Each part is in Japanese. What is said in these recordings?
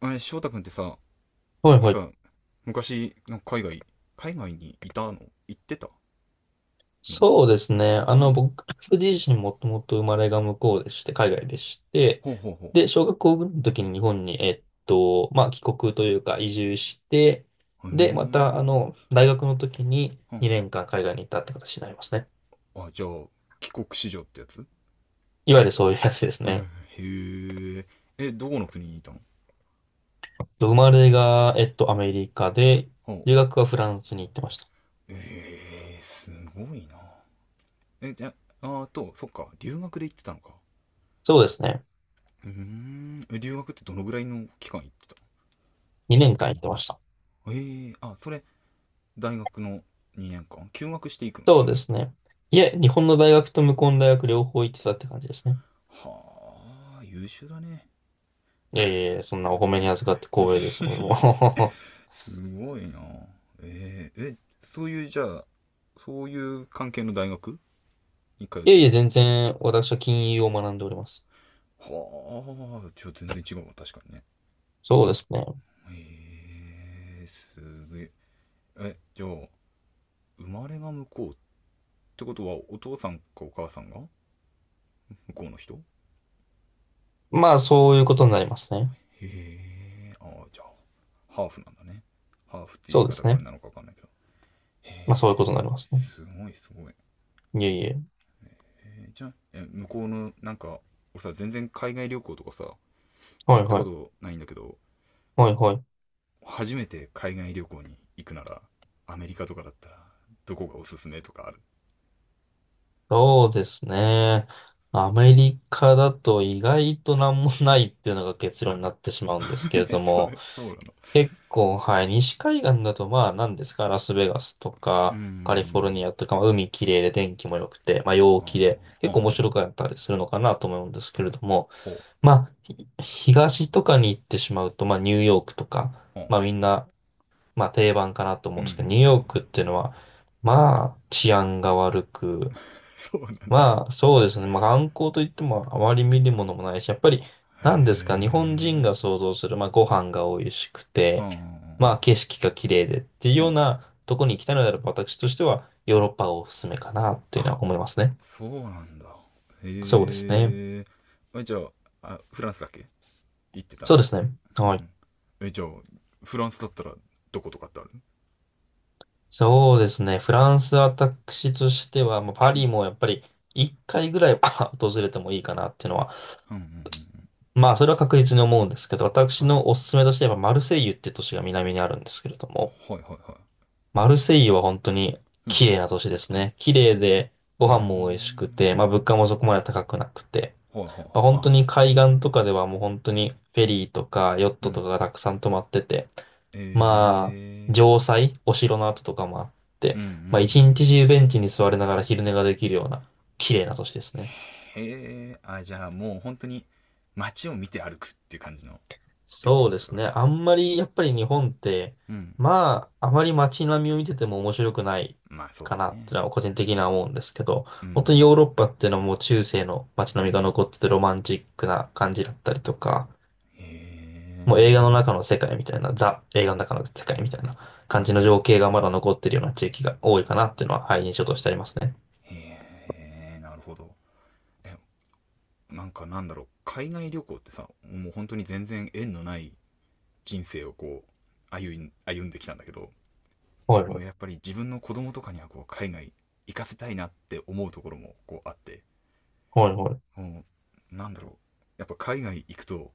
あれ、翔太くんってさ、はいなんはい。か、昔、なんか海外にいたの、行ってたの？そうですね。うん。僕自身もともと生まれが向こうでして、海外でして、ほうほうほで、小学校ぐらいの時に日本に、帰国というか移住して、う。うーで、また、ん。大学の時にうん。2年間海外に行ったって形になりますね。あ、じゃあ、帰国子女ってやつ？いわゆるそういうやつですね。へえ。え、どこの国にいたの？生まれが、アメリカで、ほう。留学はフランスに行ってました。ええ、すごいな。え、じゃあ、あ、と、そっか、留学で行ってたのか。そうですね。うーん。え、留学ってどのぐらいの期間行ってた2年間行ってました。の？あ、それ、大学の2年間休学していくの、そそうういうでのっすて？ね。いえ、日本の大学と向こうの大学両方行ってたって感じですね。はあ、優秀だね。いやいやいや、そんなお褒めに預かって光栄です。もう すごいな。えー、えそういうじゃあ、そういう関係の大学に通っ いやているや、の？全然私は金融を学んでおります。はあ、ちょっと全然違うわ、確かにね。そうですね。すげえ。じゃあ、生まれが向こうってことは、お父さんかお母さんが向こうの人？へまあ、そういうことになりますね。え。ああ、じゃあ、ハーフなんだね。ハーフって言いそうで方すがあれね。なのか分かんないけど、まあ、そういうことになりますね。すごいすごい。いやいや。じゃあ、向こうのなんか俺さ、全然海外旅行とかさは行いったはこい。とないんだけど、はいはい。初めて海外旅行に行くなら、アメリカとかだったら、どこがおすすめとかある？そうですね。アメリカだと意外となんもないっていうのが結論になってしまうんですけれえ、 どそも。う、そうなの。結構、はい。西海岸だと、まあ、何ですか、ラスベガスとうんうか、カリフォルニんアとか、まあ、海綺麗で天気も良くて、まあ、う陽ん。ああ、気で、ほ結構面う、白かったりするのかなと思うんですけれども、ほう、まあ、東とかに行ってしまうと、まあ、ニューヨークとか、ほう。まあ、みんな、まあ、定番かなと思ううんんうんですけど、ニューうヨーん。クっていうのは、まあ、治安が悪く、そうなんだ。まあ、そうですね。まあ、観光といってもあまり見るものもないし、やっぱり、へ何ですか、日本人がえ。想像する、まあ、ご飯が美味しくうんうて、んうまあ、ん景色が綺麗でっていううようん。なとこに行きたいのであれば、私としては、ヨーロッパがおすすめかなっていうのあ、は思いますね。そうなんだ。へそうですね。え。え、じゃあ、あ、フランスだっけ、行ってたそのっうですて？ね。うんはい。うん。え、じゃあ、フランスだったら、どことかってある？そうですね。フランス、私としては、まあ、パリもやっぱり、一回ぐらいは 訪れてもいいかなっていうのは、うんうんうんまあ、それは確実に思うんですけど、う私ん。はのおすすめとしては、マルセイユって都市が南にあるんですけれども、い。はいはいはい。マルセイユは本当にうん。綺麗な都市ですね。綺麗で、うごー飯も美味しくて、まあん。物価もそこまで高くなくて、ほいほいまほあい。本当あ、にそ海れな。岸とかではもう本当にフェリーとかヨッうトとん。かがたくさん泊まってて、まあ、え城塞、お城の跡とかもあっえー、て、うんうんうまあ一ん。日中ベンチに座りながら昼寝ができるような綺麗な都市ですね。へえ。あ、じゃあ、もう本当に街を見て歩くっていう感じの旅行そうっでてこすとね。か。あんまり、やっぱり日本って、うん。まあ、あまり街並みを見てても面白くないまあそうでかすなってね。のは個人的には思うんですけど、うんう本当にヨん。ーロッパっていうのはもう中世の街並うみがん。残っててロマンチックな感じだったりとか、へもう映画のえ。中の世界みたいな、ザ映画の中の世界みたいなうんう感じの情ん。景がまだ残ってるような地域が多いかなっていうのは、はい、印象としてありますね。へえ、なるほど。え、なんか、なんだろう。海外旅行ってさ、もう本当に全然縁のない人生をこう、歩んできたんだけど、はいもはうやっい。ぱり自分の子供とかにはこう海外行かせたいなって思うところもこうあって、はいはい。もうなんだろう。やっぱ海外行くと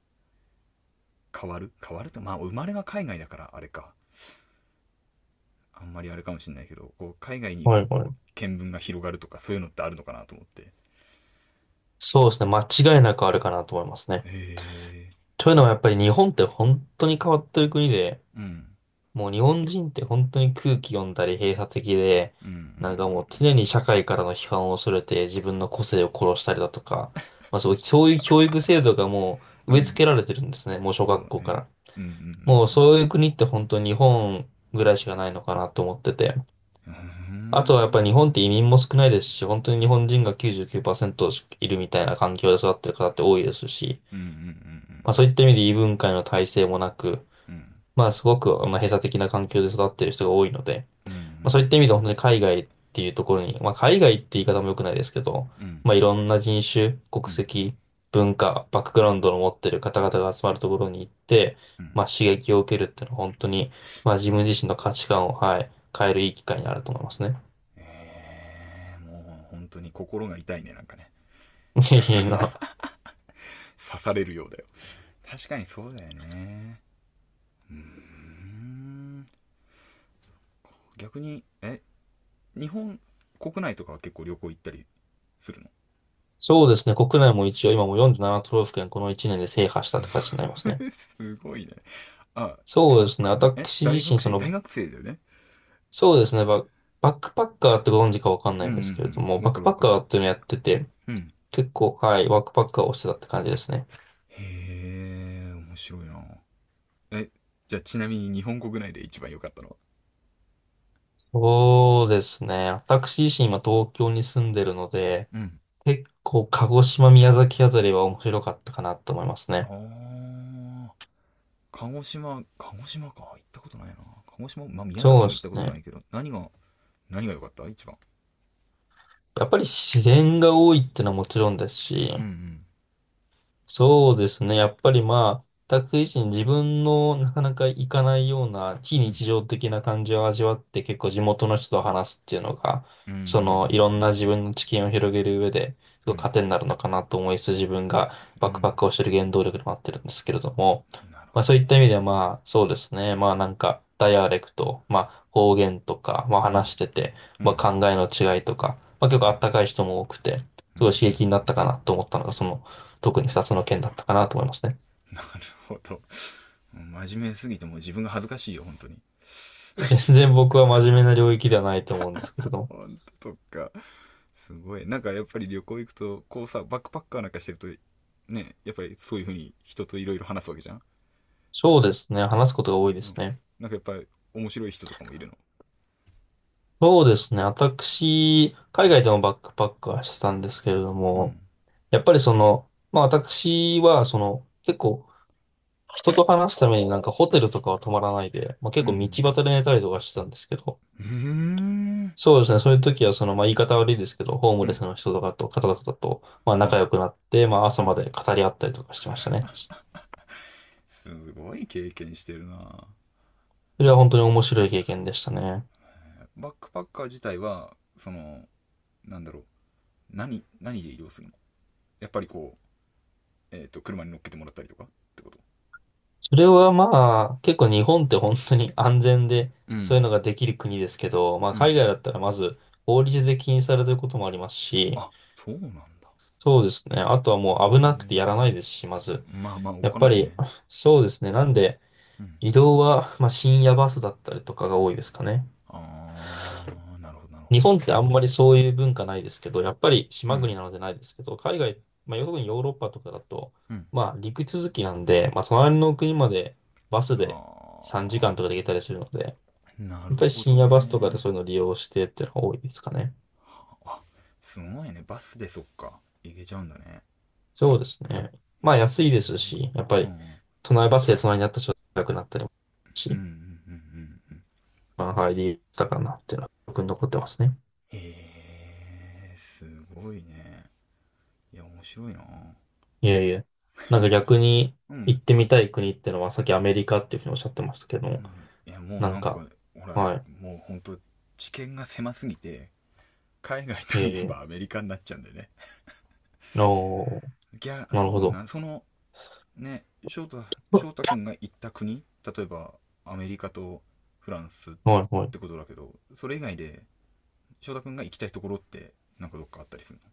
変わる変わると、まあ生まれが海外だからあれか。あんまりあれかもしれないけど、こう海外に行くはといはこうい。見聞が広がるとかそういうのってあるのかなと思って。そうですね。間違いなくあるかなと思いますね。へえ。というのはやっぱり日本って本当に変わってる国で、うん。もう日本人って本当に空気読んだり閉鎖的で、うんうんなんかもう常うにんう社会からの批判を恐れて自分の個性を殺したりだとか、そういう教育制度がもんううん。植うえ付ん、けられてるんですね、もう小そ学う校かね。ら。うんうもうんそういう国って本当に日本ぐらいしかないのかなと思ってて。うんうん。うあとはやっぱり日本ってん。移民も少ないですし、本当に日本人が99%いるみたいな環境で育ってる方って多いですし、うんうんうんうまあそういんった意味で異文化への耐性もなく、うん。うんまあすごくまあ閉鎖的な環境で育ってる人が多いので、うんうんうまあそういった意味んでは本当に海外っていうところに、まあ海外って言い方も良くないですけど、うん。うんまあいろんな人種、国うん籍、文化、バックグラウンドの持ってる方々が集まるところに行って、うん。まあ刺激を受けるっていうのは本当に、まあ自なる分ほ自身ど。の価値観を、はい、変えるいい機会になると思いますね。もう本当に心が痛いね、なんかね。いいな。刺されるようだよ。確かにそうだよね。うーん。逆に、え、日本国内とかは結構旅行行ったりするの？ そうですね。国内も一応今もう47都道府県この1年で制覇したって形になりますね。すごいね。あ、そそうでっすね。か。私大自身、学そ生、大の、学生だよね？そうですね。バックパッカーってご存知かわかんなうんいうんですけれどんうも、ん。わバッかクるパわッかカる。ーっていうのをやってて、うん。結構、はい、ワークパッカーをしてたって感じですね。へえ、面白いな。え、じゃあ、ちなみに日本国内で一番良かったのは？そうですね。私自身今東京に住んでるので、うん。結構鹿児島、宮崎あたりは面白かったかなと思いますあね。あ。鹿児島、鹿児島か。行ったことないな。鹿児島、まあ、宮そ崎うもで行っすたことなね。いけど、何が良かった、一番？やっぱり自然が多いってのはもちろんですうし、んそうですね。やっぱりまあ、全く自分のなかなか行かないような非うん。う日ん。常的な感じを味わって結構地元の人と話すっていうのが、うんうんうんうそのいろんな自ん分の知見を広げる上で、すうごんいうん。糧になるのかなと思いつつ自分がうバックパッん。クをしてる原動力でもあってるんですけれども、なるほまあそうどいった意味ね。ではまあそうですね。まあなんかダイアレクト、まあ方言とか、まあうん。話してて、うまあ考ん。えの違いとか、まあ結う構あん。ったかい人も多くて、すうんうごい刺激んになうっん。たかなと思ったのが、その特に2つの件だったかなと思いますね。なるほど。真面目すぎて、もう自分が恥ずかしいよ、本当に。全然僕は真面目な領域ではないと思うんですけれども。本当とか？すごい。なんかやっぱり旅行行くと、こうさ、バックパッカーなんかしてると、ね、やっぱりそういう風に人といろいろ話すわけじゃん。そうですね。話すことが多いでうん。すね。なんかやっぱり面白い人とかもいるの？そうですね。私、う海ん。外でもバックパックはしてたんですけれどうも、ん。やっぱりその、まあ私はその、結構人と話すためになんかホテルとかは泊まらないで、まあ結う構道ん端で寝たりとかしてたんですけど、うんうーん。そうですね。そういう時はその、まあ言い方悪いですけど、ホーうムレん。スの人とかと、方々と、まあ仲は良くなって、まああ、朝はまあ。で語り合ったりとかしてましたね。すごい経験してるな。それは本当に面白い経験でしたね。バックパッカー自体は、その、なんだろう、何で移動するの？やっぱりこう、車に乗っけてもらったりとかってこと？それはまあ、結構日本って本当に安全で、うそういうのんができる国ですけど、まあうん。海外だったらまず法律で禁止されてることもありますし、あ、そうなんだ。そうですね。あとはへもう危なくてやらなえ。いですし、まず。まあまあ、おっやっかぱないり、ね。そうですね。なんで、うん。移動は、まあ深夜バスだったりとかが多いですかね。あー、なるほど、なるほ日ど。本ってあんまりそういう文化ないですけど、やっぱりう島ん国なのでないですけど、海外、まあ、特にヨーロッパとかだと、うん。まあ、陸続きなんで、まあ、隣の国までバスで3時は間とかあ。で行けたりするので、やなるっぱりほ深ど夜バスとかでね。そういうのを利用してっていうのが多いですかね。すごいね。バスで、そっか。行けちゃうんだね。そうですね。まあ、安いですし、やっぱうんうり、ん隣バスで隣になった人が高くなったりもすうんるうんし、うん。まあ、入りたかなっていうのは、僕に残ってますね。へえ、すごいね。いや、面白いな。いえいえ。なんか逆にうん行ってみたい国ってのは、さっきアメリカっていうふうにおっしゃってましたけうどん。いや、もうなんなんか、か、ほら、はもうほんと知見が狭すぎて、海外い。いとえいいえばアえ。メリカになっちゃうんだよね。おー、いや、なるそうほだど。な、その、ね、翔太くんが行った国、例えばアメリカとフランスっはいはい。てことだけど、それ以外で翔太くんが行きたいところって、なんかどっかあったりするの？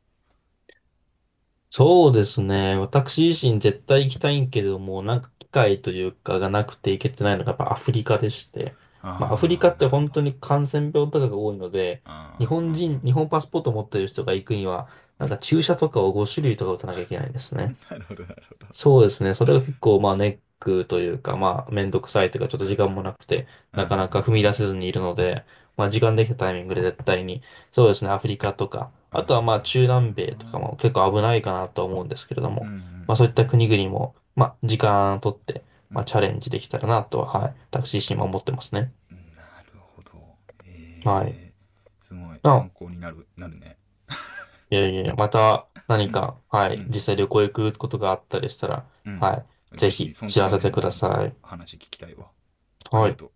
そうですね。私自身絶対行きたいんけれども、なんか機会というかがなくて行けてないのがやっぱアフリカでして。まあアフリカああ、ってなるほ本ど。あ当に感染病とかが多いので、日本人、あ。日本パスポート持ってる人が行くには、うなんかん。 注射とかを5種類とか打たなきゃいけないんですね。なるほど、なるほど。そうですね。それが結構、まあ、ネックというか、まあ、めんどくさいというか、ちょっと時間もなくて、うんうなんかなか踏うみ出んうせん。ずにいるので、まあ、時間できたタイミングで絶対に、そうですね、アフリカとか、うあとはまあ、中ん南米とかも結構危ないかなと思うんですけれどうんも、うまあ、そういったん国々も、まあ、時間をとって、うまあ、ん。チャレンジできたらなとは、はい、私自身も思ってますね。なるほど。はい。えすごいあ、参考になる、ね。いやいやいや、またう何ん。か、はうい、実ん。際旅行行くことがあったりしたら、うん。はい、ぜぜひ、ひその知時らはせね、てもくうだほんさとい。話聞きたいわ。ありはがい。とう。